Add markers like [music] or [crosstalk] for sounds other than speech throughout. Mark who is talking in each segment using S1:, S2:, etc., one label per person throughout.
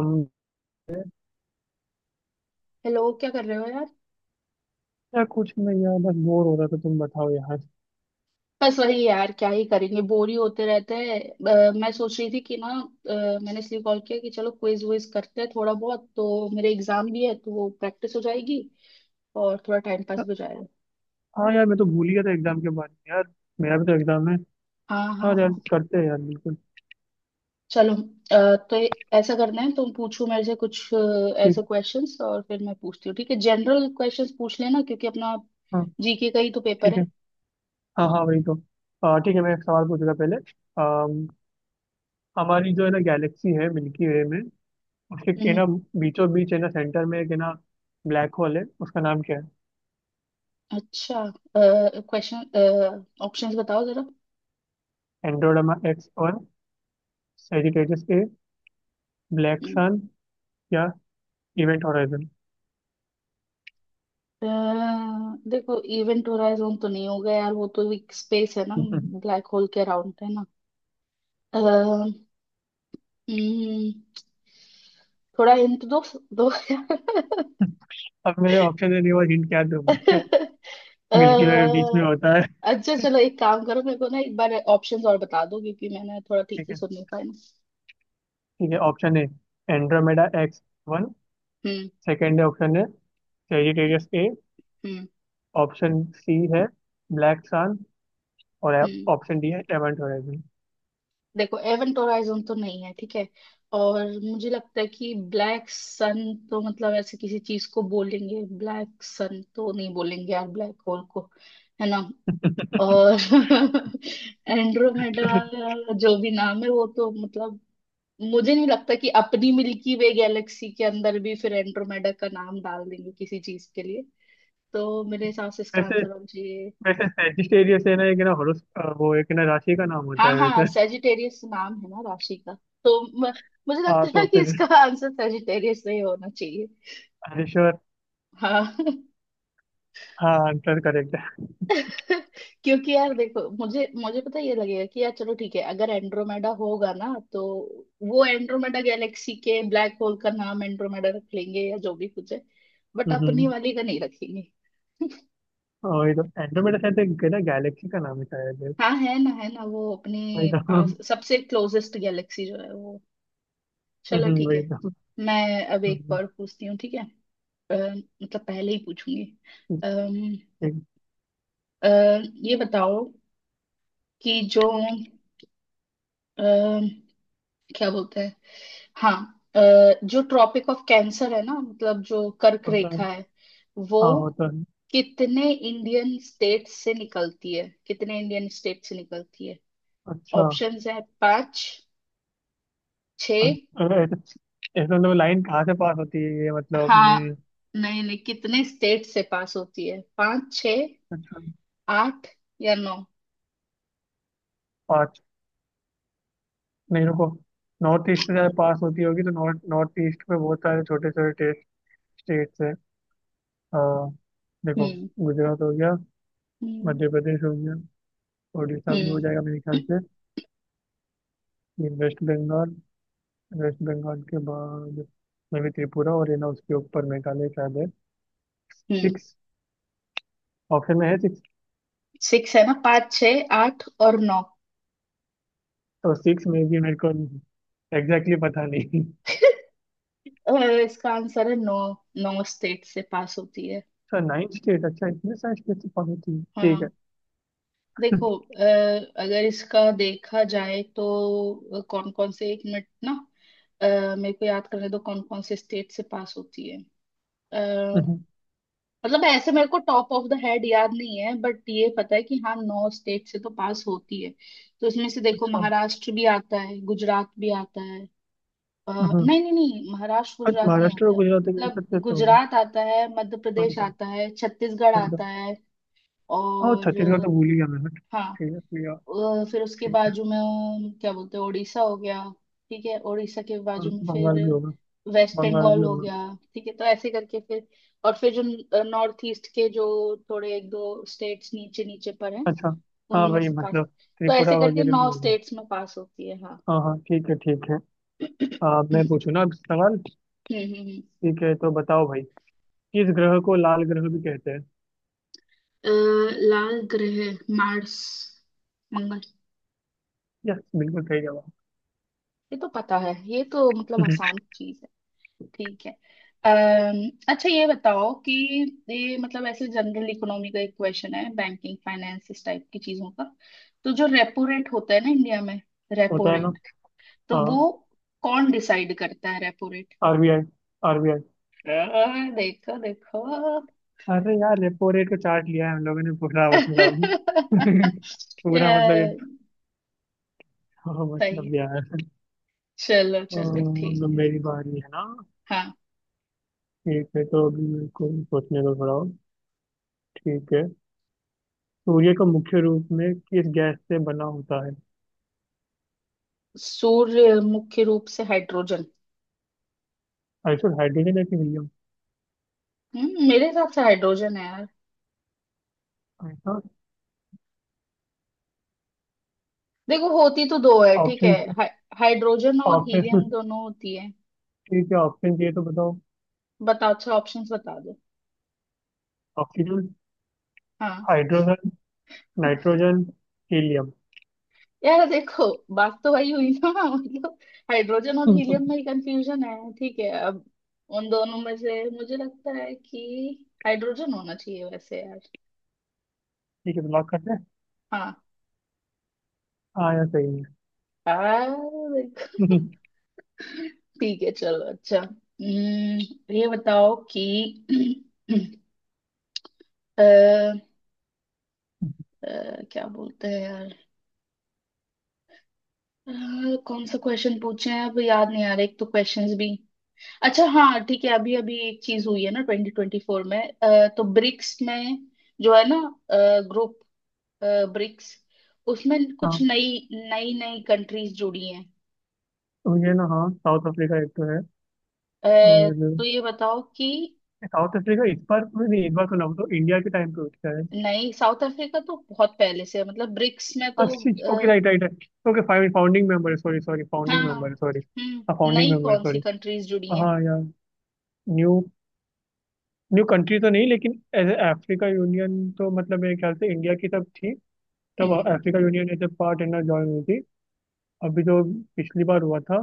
S1: हम-
S2: हेलो, क्या कर रहे हो यार।
S1: यार कुछ नहीं यार, बस बोर हो रहा था। तुम बताओ यार।
S2: बस वही यार, क्या ही करेंगे, बोर ही होते रहते हैं। मैं सोच रही थी कि ना। अ, मैंने इसलिए कॉल किया कि चलो क्विज विज करते हैं थोड़ा बहुत, तो मेरे एग्जाम भी है तो वो प्रैक्टिस हो जाएगी और थोड़ा टाइम पास
S1: या-
S2: भी हो जाएगा।
S1: हाँ यार, मैं तो भूल ही गया था एग्जाम के बारे में यार। मेरा भी तो एग्जाम है।
S2: हाँ, हाँ,
S1: हाँ यार,
S2: हाँ।
S1: करते हैं यार, बिल्कुल।
S2: चलो। तो ऐसा करना है, तुम पूछो मेरे से कुछ
S1: ठीक।
S2: ऐसे क्वेश्चंस और फिर मैं पूछती हूँ, ठीक है। जनरल क्वेश्चंस पूछ लेना क्योंकि अपना
S1: हाँ।
S2: जीके का ही तो पेपर
S1: ठीक है।
S2: है।
S1: हाँ हाँ, वही तो। ठीक है, मैं एक सवाल पूछूंगा पहले। अम, हमारी जो है ना गैलेक्सी है मिल्की वे में। उसके के
S2: हम्म।
S1: ना बीचों बीच है ना, सेंटर में एक है ना ब्लैक होल, है उसका नाम क्या है?
S2: अच्छा, क्वेश्चन ऑप्शंस बताओ जरा।
S1: एंड्रोमेडा एक्स, और Sagittarius A, black
S2: hmm.
S1: Sun, या इवेंट होराइजन।
S2: अ, देखो, इवेंट होराइजन तो नहीं होगा यार, वो तो एक स्पेस है ना,
S1: [laughs]
S2: ब्लैक होल के अराउंड है ना। अ, हम्म, थोड़ा हिंट दो। दो [laughs] यार।
S1: अब मेरे ऑप्शन देने के बाद हिंट क्या दूं मैं?
S2: अ,
S1: मिल्की वे बीच में होता है।
S2: अच्छा चलो, एक काम करो, मेरे को ना एक बार ऑप्शंस और बता दो क्योंकि मैंने थोड़ा ठीक
S1: ठीक
S2: से
S1: है,
S2: सुन नहीं पाया ना।
S1: ठीक है। Option A Andromeda X one.
S2: Hmm,
S1: second option है Sagittarius A.
S2: Hmm,
S1: option C है ब्लैक सन। और
S2: हम्म।
S1: ऑप्शन डी है एवेंट होराइजन।
S2: देखो, एवेंट होराइजन तो नहीं है, ठीक है। और मुझे लगता है कि ब्लैक सन, तो मतलब ऐसे किसी चीज को बोलेंगे, ब्लैक सन तो नहीं बोलेंगे यार ब्लैक होल को। है ना। और [laughs] एंड्रोमेडा, जो भी नाम है वो तो मतलब, मुझे नहीं लगता कि अपनी मिल्की वे गैलेक्सी के अंदर भी फिर एंड्रोमेडा का नाम डाल देंगे किसी चीज के लिए। तो मेरे हिसाब से इसका
S1: वैसे
S2: आंसर होना चाहिए।
S1: वैसे सेजिटेरियस है ना एक ना हॉरोस, वो एक ना राशि का नाम होता
S2: हाँ,
S1: है
S2: हाँ,
S1: वैसे।
S2: सेजिटेरियस नाम है ना राशि का। तो म, मुझे
S1: हाँ
S2: लगता
S1: तो
S2: है कि
S1: फिर,
S2: इसका आंसर सेजिटेरियस नहीं होना चाहिए।
S1: हरीश्वर।
S2: हाँ।
S1: हाँ आंसर करेक्ट है।
S2: [laughs] क्योंकि यार देखो, मुझे मुझे पता है ये लगेगा कि यार चलो ठीक है, अगर एंड्रोमेडा होगा ना तो वो एंड्रोमेडा गैलेक्सी के ब्लैक होल का नाम एंड्रोमेडा रख लेंगे या जो भी कुछ है, बट अपनी
S1: हम्म।
S2: वाली का नहीं रखेंगे। [laughs]
S1: और ये तो एंड्रोमेडा शायद एक ना गैलेक्सी का नाम है शायद।
S2: हाँ, है ना, है ना, वो अपने
S1: वही तो।
S2: पास
S1: [laughs]
S2: सबसे क्लोजेस्ट गैलेक्सी जो है वो। चलो ठीक
S1: वही
S2: है।
S1: तो।
S2: मैं अब एक
S1: हम्म।
S2: और पूछती हूँ, ठीक है। अ, मतलब पहले ही पूछूंगी। अम्म
S1: ठीक।
S2: अ, ये बताओ कि जो क्या बोलते हैं, हाँ, अ, जो ट्रॉपिक ऑफ कैंसर है ना, मतलब जो कर्क
S1: होता है।
S2: रेखा है, वो
S1: हाँ होता है।
S2: कितने इंडियन स्टेट से निकलती है, कितने इंडियन स्टेट से निकलती है?
S1: अच्छा।
S2: ऑप्शंस है, पांच, छ।
S1: अब ऐसे ऐसे तो लाइन कहाँ से पास होती है, ये मतलब अपने।
S2: हाँ, नहीं नहीं, कितने स्टेट से पास होती है, पांच, छ,
S1: अच्छा।
S2: आठ या नौ?
S1: पाँच। नहीं रुको। नॉर्थ ईस्ट से ज्यादा पास होती होगी, तो नॉर्थ नॉर्थ ईस्ट में बहुत सारे छोटे छोटे स्टेट्स हैं। हाँ। देखो,
S2: हम्म,
S1: गुजरात हो गया,
S2: हम्म,
S1: मध्य प्रदेश हो गया, उड़ीसा भी हो
S2: हम्म।
S1: जाएगा मेरे ख्याल
S2: [clears throat]
S1: से। ये वेस्ट बंगाल। वेस्ट बंगाल के बाद में भी त्रिपुरा, और है ना उसके ऊपर मेघालय शायद है।
S2: हम्म।
S1: सिक्स। ऑप्शन में है सिक्स।
S2: सिक्स है ना, पाँच, छः, आठ और नौ।
S1: तो सिक्स में भी मेरे को एग्जैक्टली exactly पता नहीं।
S2: अ, इसका आंसर है नौ। नौ स्टेट से पास होती है।
S1: अच्छा, नाइन स्टेट, अच्छा इतने सारे स्टेट से पहुंची थी। ठीक है।
S2: हाँ, देखो, अगर इसका देखा जाए तो कौन कौन से, एक मिनट ना। अ, मेरे को याद करने दो कौन कौन से स्टेट से पास होती है। अ,
S1: हम्म,
S2: मतलब ऐसे मेरे को टॉप ऑफ द हेड याद नहीं है, बट ये पता है कि हाँ, नौ स्टेट से तो पास होती है। तो इसमें से देखो,
S1: अच्छा।
S2: महाराष्ट्र भी आता है, गुजरात भी आता है।
S1: हम्म।
S2: नहीं, नहीं, नहीं, महाराष्ट्र
S1: हट,
S2: गुजरात नहीं
S1: महाराष्ट्र और
S2: आता है।
S1: गुजरात के बीच
S2: मतलब
S1: सबसे तो होगा।
S2: गुजरात आता है, मध्य
S1: वन
S2: प्रदेश
S1: टू।
S2: आता है, छत्तीसगढ़
S1: वन टू।
S2: आता है
S1: और
S2: और
S1: छत्तीसगढ़ तो भूल ही गया मैं। हट,
S2: हाँ,
S1: ठीक है भैया।
S2: फिर उसके
S1: ठीक है।
S2: बाजू में क्या बोलते हैं, उड़ीसा हो गया। ठीक है, उड़ीसा के
S1: और
S2: बाजू में
S1: बंगाल
S2: फिर
S1: भी होगा।
S2: वेस्ट
S1: बंगाल भी
S2: बंगाल हो
S1: होगा।
S2: गया। ठीक है, तो ऐसे करके फिर और फिर जो नॉर्थ ईस्ट के जो थोड़े एक दो स्टेट्स नीचे नीचे पर हैं,
S1: अच्छा। हाँ
S2: उनमें
S1: भाई
S2: से पास।
S1: मतलब
S2: तो
S1: त्रिपुरा
S2: ऐसे करके
S1: वगैरह भी
S2: नौ
S1: होगा।
S2: स्टेट्स में पास होती है, हाँ।
S1: हाँ हाँ, ठीक है, ठीक है।
S2: [clears throat] हम्म,
S1: मैं पूछूँ ना अब सवाल?
S2: हम्म, हम्म।
S1: ठीक है, तो बताओ भाई। किस ग्रह को लाल ग्रह भी कहते हैं?
S2: लाल ग्रह, मार्स, मंगल।
S1: यस, बिल्कुल सही जवाब।
S2: ये तो पता है, ये तो
S1: [laughs]
S2: मतलब
S1: हम्म।
S2: आसान चीज है। ठीक है। अच्छा, ये बताओ कि ये मतलब ऐसे जनरल इकोनॉमी का एक क्वेश्चन है, बैंकिंग, फाइनेंस, इस टाइप की चीजों का। तो जो रेपो रेट होता है ना इंडिया में, रेपो
S1: होता है ना।
S2: रेट, तो
S1: हाँ।
S2: वो कौन डिसाइड करता है रेपो रेट?
S1: आरबीआई। आरबीआई।
S2: देखो, देखो।
S1: अरे यार, रेपो रेट को चार्ट लिया है हम लोगों ने पूरा मतलब। [laughs]
S2: [laughs] अ,
S1: पूरा मतलब ये। [laughs] हाँ,
S2: सही
S1: मतलब
S2: है।
S1: यार।
S2: चलो, चलो, ठीक
S1: मतलब
S2: है।
S1: मेरी बारी है ना?
S2: हाँ,
S1: ठीक है, तो अभी मेरे को सोचने दो थोड़ा और। ठीक है। सूर्य का मुख्य रूप में किस गैस से बना होता है?
S2: सूर्य मुख्य रूप से हाइड्रोजन।
S1: आइसो, हाइड्रोजन है कि हीलियम?
S2: हम्म, मेरे हिसाब से हाइड्रोजन है यार।
S1: आइसो।
S2: देखो, होती तो दो है, ठीक है।
S1: ऑप्शन
S2: हाइ- हाइड्रोजन और हीलियम
S1: ऑप्शन
S2: दोनों होती है।
S1: ठीक है, ऑप्शन चाहिए तो बताओ।
S2: बताओ, अच्छा ऑप्शंस बता दो।
S1: ऑक्सीजन,
S2: हाँ।
S1: Hydrogen, nitrogen, helium.
S2: यार देखो, बात तो वही हुई ना। [laughs] मतलब
S1: [laughs]
S2: हाइड्रोजन और हीलियम
S1: ठीक
S2: में कंफ्यूजन है, ठीक है। अब उन दोनों में से मुझे लगता है कि हाइड्रोजन होना चाहिए वैसे यार।
S1: है, तो लॉक करते हैं।
S2: हाँ।
S1: हाँ यार सही है।
S2: यार देखो।
S1: [laughs]
S2: ठीक है, चलो अच्छा। ये बताओ कि [clears throat] अ, क्या बोलते हैं यार, अ, कौन सा क्वेश्चन पूछे हैं अब याद नहीं आ रहा, एक तो क्वेश्चंस भी। अच्छा हाँ ठीक है, अभी अभी एक चीज हुई है ना 2024 में। तो ब्रिक्स में, जो है ना, ग्रुप, ब्रिक्स, उसमें कुछ
S1: हाँ
S2: नई नई नई कंट्रीज जुड़ी हैं।
S1: तो ये ना, हाँ साउथ अफ्रीका एक तो है।
S2: अ,
S1: और
S2: तो ये बताओ कि
S1: साउथ अफ्रीका इस बार में नहीं, इस बार तो ना वो तो इंडिया के टाइम पे उठता है।
S2: नई, साउथ अफ्रीका तो बहुत पहले से है मतलब ब्रिक्स में
S1: हाँ।
S2: तो।
S1: ओके,
S2: आ,
S1: right right right, okay fine. Founding member sorry, sorry
S2: हाँ।
S1: Founding member, sorry. हाँ,
S2: हम्म,
S1: फाउंडिंग
S2: नई
S1: मेंबर
S2: कौन सी
S1: सॉरी।
S2: कंट्रीज जुड़ी हैं?
S1: हाँ यार। न्यू न्यू कंट्री तो नहीं, लेकिन एज अफ्रीका यूनियन तो मतलब मेरे ख्याल से इंडिया की तब थी। तब
S2: हम्म,
S1: Africa Union as a part इनर ज्वाइन हुई थी। अभी जो पिछली बार हुआ था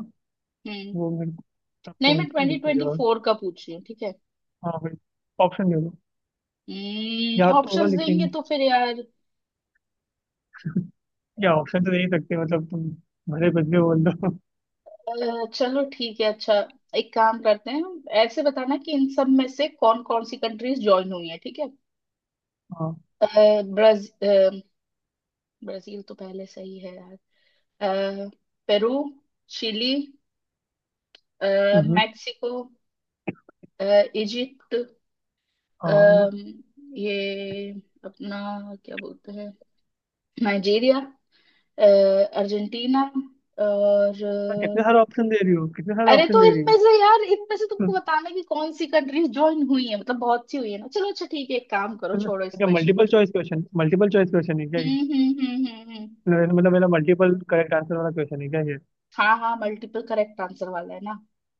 S2: हम्म।
S1: वो मेरे को, तब
S2: नहीं,
S1: कौन
S2: मैं
S1: सी
S2: ट्वेंटी
S1: हुई थी
S2: ट्वेंटी
S1: यार?
S2: फोर का पूछ रही हूँ, ठीक है।
S1: हाँ भाई, ऑप्शन दे दो। याद तो होगा
S2: ऑप्शंस देंगे
S1: लेकिन।
S2: तो फिर यार।
S1: या ऑप्शन तो दे ही सकते मतलब तुम, भले बदले बोल दो।
S2: चलो ठीक है, अच्छा एक काम करते हैं। ऐसे बताना कि इन सब में से कौन कौन सी कंट्रीज ज्वाइन हुई है, ठीक है।
S1: हाँ।
S2: अ, ब्राज अ, ब्राजील तो पहले से ही है यार। अ, पेरू, चिली, अ,
S1: हम्म।
S2: मेक्सिको, अ, इजिप्ट,
S1: हाँ।
S2: अम, ये अपना क्या बोलते हैं, नाइजीरिया, अ, अर्जेंटीना और
S1: तो कितने सारे ऑप्शन दे रही हो? कितने सारे
S2: अरे,
S1: ऑप्शन
S2: तो
S1: दे रही
S2: इनमें से यार, इनमें से तुमको
S1: हो? [laughs]
S2: बताना है कि कौन सी कंट्रीज ज्वाइन हुई है, मतलब बहुत सी हुई है ना। चलो अच्छा ठीक है, एक काम करो, छोड़ो इस
S1: अच्छा,
S2: क्वेश्चन को,
S1: मल्टीपल
S2: छोड़ो।
S1: Choice question, multiple choice question है क्या ये?
S2: हम्म, हम्म, हम्म, हम्म,
S1: मतलब मेरा मल्टीपल करेक्ट आंसर वाला क्वेश्चन है क्या ये?
S2: हाँ, हाँ, मल्टीपल करेक्ट आंसर वाला है ना।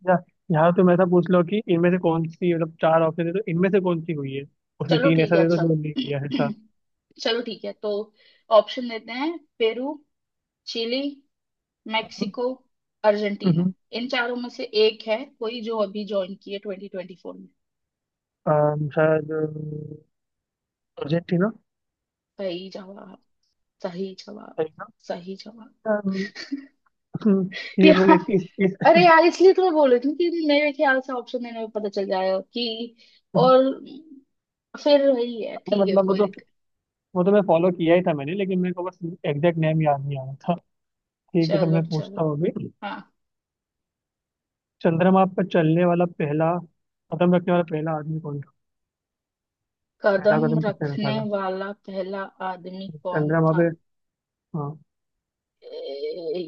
S1: या यहाँ तुम ऐसा पूछ लो कि इनमें से कौन सी, मतलब चार ऑप्शन है तो इनमें से कौन सी हुई है? उसमें
S2: चलो
S1: तीन
S2: ठीक
S1: ऐसा
S2: है
S1: दे दो
S2: अच्छा।
S1: जो नहीं किया है ऐसा।
S2: [clears throat] चलो ठीक है, तो ऑप्शन देते हैं, पेरू, चिली, मेक्सिको, अर्जेंटीना।
S1: हम्म,
S2: इन चारों में से एक है कोई जो अभी ज्वाइन की है 2024 में।
S1: शायद, अर्जेंटीना।
S2: सही जवाब, सही जवाब,
S1: सही ना?
S2: सही जवाब।
S1: अम, [laughs] हम्म, ये मैंने
S2: यार,
S1: इस।
S2: अरे यार, इसलिए तो मैं बोल रही थी कि मेरे ख्याल से ऑप्शन देने में पता चल जाएगा कि, और
S1: [laughs]
S2: फिर वही है,
S1: अरे
S2: ठीक है,
S1: मतलब, वो
S2: कोई
S1: तो
S2: दिक्कत।
S1: वो तो मैं फॉलो किया ही था मैंने, लेकिन मेरे को बस एग्जैक्ट नेम याद नहीं आ रहा था। ठीक है, तो
S2: चलो,
S1: मैं
S2: चलो।
S1: पूछता हूँ अभी।
S2: हाँ।
S1: चंद्रमा पर चलने वाला पहला, कदम रखने वाला पहला आदमी कौन था? पहला
S2: कदम
S1: कदम किसने रखा
S2: रखने
S1: था
S2: वाला पहला आदमी कौन
S1: चंद्रमा
S2: था?
S1: पे? हाँ,
S2: ए-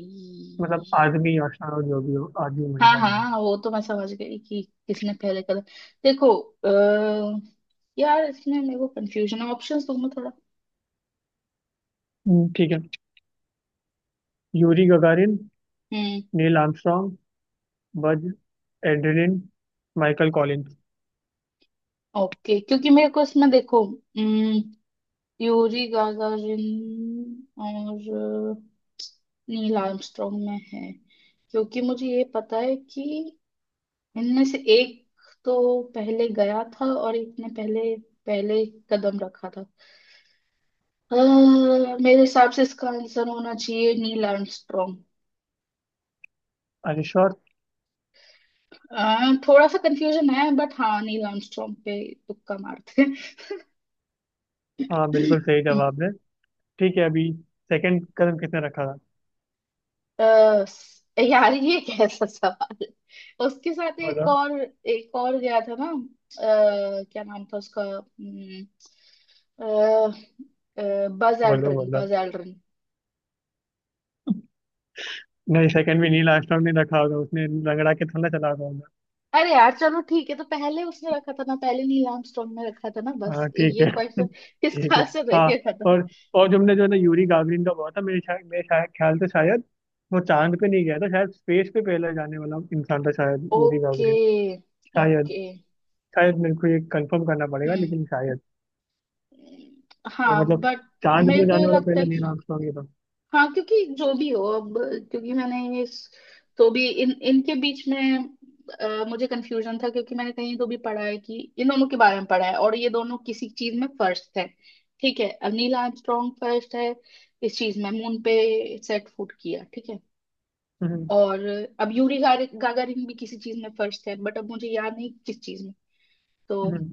S1: मतलब आदमी, या शायद जो भी हो, आदमी
S2: हाँ,
S1: महिला, जो भी
S2: हाँ, वो तो मैं समझ गई कि किसने पहले कदम। देखो, अ, यार इसमें मेरे को कंफ्यूजन है, ऑप्शंस दो मैं थोड़ा।
S1: हो। ठीक है। यूरी गगारिन,
S2: हम्म।
S1: Neil Armstrong, Buzz Aldrin, Michael Collins.
S2: Okay, क्योंकि मेरे को इसमें देखो, हम्म, यूरी गागारिन और नील आर्मस्ट्रॉन्ग में है। क्योंकि मुझे ये पता है कि इनमें से एक तो पहले गया था और एक ने पहले पहले कदम रखा था। मेरे हिसाब से इसका आंसर होना चाहिए नील आर्मस्ट्रॉन्ग।
S1: अरे श्योर।
S2: थोड़ा सा कंफ्यूजन है, बट हाँ, नील आर्मस्ट्रॉन्ग पे तुक्का मारते
S1: हाँ,
S2: हैं।
S1: बिल्कुल सही जवाब है। ठीक है, अभी सेकंड कदम किसने रखा था?
S2: अ, यार ये कैसा सवाल है? उसके साथ एक
S1: बोलो,
S2: और एक और गया था ना, क्या नाम था उसका? बज
S1: बोलो,
S2: एल्ड्रिन,
S1: बोलो।
S2: Buzz Aldrin.
S1: नहीं, सेकंड भी नील आर्मस्ट्रॉन्ग ने रखा होगा। उसने रगड़ा के थोड़ा चला था।
S2: अरे यार, चलो ठीक है, तो पहले उसने रखा था ना, पहले नील आर्मस्ट्रॉन्ग ने रखा था ना, बस
S1: हाँ ठीक
S2: ये
S1: है। [laughs]
S2: क्वेश्चन इसका
S1: ठीक है।
S2: आंसर दे
S1: हाँ।
S2: दिया था ना।
S1: और और तुमने जो है ना यूरी गागरिन का बोला था, मेरे शायद, मेरे शायद ख्याल से, शायद वो चांद पे नहीं गया था शायद। स्पेस पे पहले जाने वाला इंसान था शायद यूरी
S2: ओके,
S1: गागरिन शायद
S2: ओके।
S1: शायद मेरे को ये कंफर्म करना पड़ेगा
S2: हम्म,
S1: लेकिन शायद। तो
S2: हाँ
S1: मतलब
S2: बट
S1: चांद पे
S2: मेरे
S1: तो
S2: को
S1: जाने
S2: ये
S1: वाला
S2: लगता
S1: पहला
S2: है कि,
S1: नील आर्मस्ट्रांग ही था।
S2: हाँ, क्योंकि जो भी हो अब, क्योंकि मैंने इस तो भी इन इनके बीच में मुझे कंफ्यूजन था क्योंकि मैंने कहीं तो भी पढ़ा है, कि इन दोनों के बारे में पढ़ा है, और ये दोनों किसी चीज में फर्स्ट है। ठीक है, अब नील आर्मस्ट्रॉन्ग फर्स्ट है इस चीज में, मून पे सेट फुट किया, ठीक है।
S1: हम्म
S2: और अब यूरी गागारिन भी किसी चीज में फर्स्ट है, बट अब मुझे याद नहीं किस चीज में। तो
S1: हम्म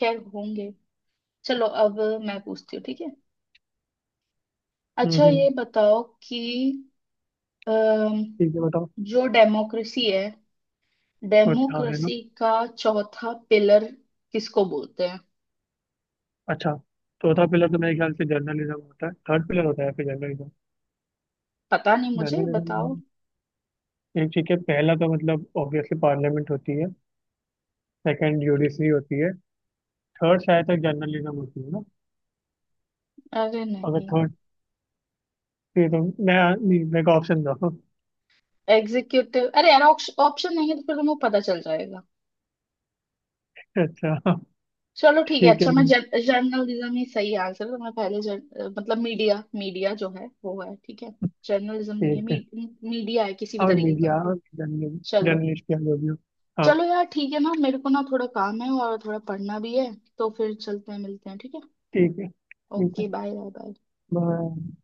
S2: खैर होंगे। चलो अब, मैं पूछती हूँ, ठीक है। अच्छा,
S1: हम्म।
S2: ये बताओ कि अम,
S1: ठीक है, बताओ।
S2: जो डेमोक्रेसी है,
S1: चौथा है ना।
S2: डेमोक्रेसी का चौथा पिलर किसको बोलते हैं?
S1: अच्छा, चौथा पिलर तो मेरे ख्याल से जर्नलिज्म होता है। थर्ड पिलर होता है फिर जर्नलिज्म।
S2: पता नहीं, मुझे
S1: जर्नलिज्म
S2: बताओ।
S1: एक। ठीक है, पहला तो मतलब ऑब्वियसली पार्लियामेंट होती है। सेकंड यूडीसी होती है। थर्ड शायद तक जर्नलिज्म होती है ना?
S2: अरे
S1: अगर
S2: नहीं,
S1: थर्ड, ये तो मैं, नहीं, मेरे को ऑप्शन दो।
S2: एग्जीक्यूटिव। अरे यार, ऑप्शन नहीं है तो फिर तुम्हें पता चल जाएगा।
S1: अच्छा।
S2: चलो ठीक है,
S1: ठीक है,
S2: अच्छा मैं, जर्नलिज्म ही सही आंसर है तो मैं पहले मतलब मीडिया, मीडिया जो है वो है, ठीक है। जर्नलिज्म नहीं है।
S1: ठीक है।
S2: मीडिया है, किसी भी
S1: और
S2: तरीके का
S1: मीडिया,
S2: मीडिया।
S1: और
S2: चलो,
S1: जर्नलिस्ट, या जो भी हो। हाँ,
S2: चलो यार, ठीक है ना, मेरे को ना थोड़ा काम है और थोड़ा पढ़ना भी है, तो फिर चलते हैं, मिलते हैं, ठीक है।
S1: ठीक है, ठीक है।
S2: Okay, bye, bye, bye.
S1: Bye.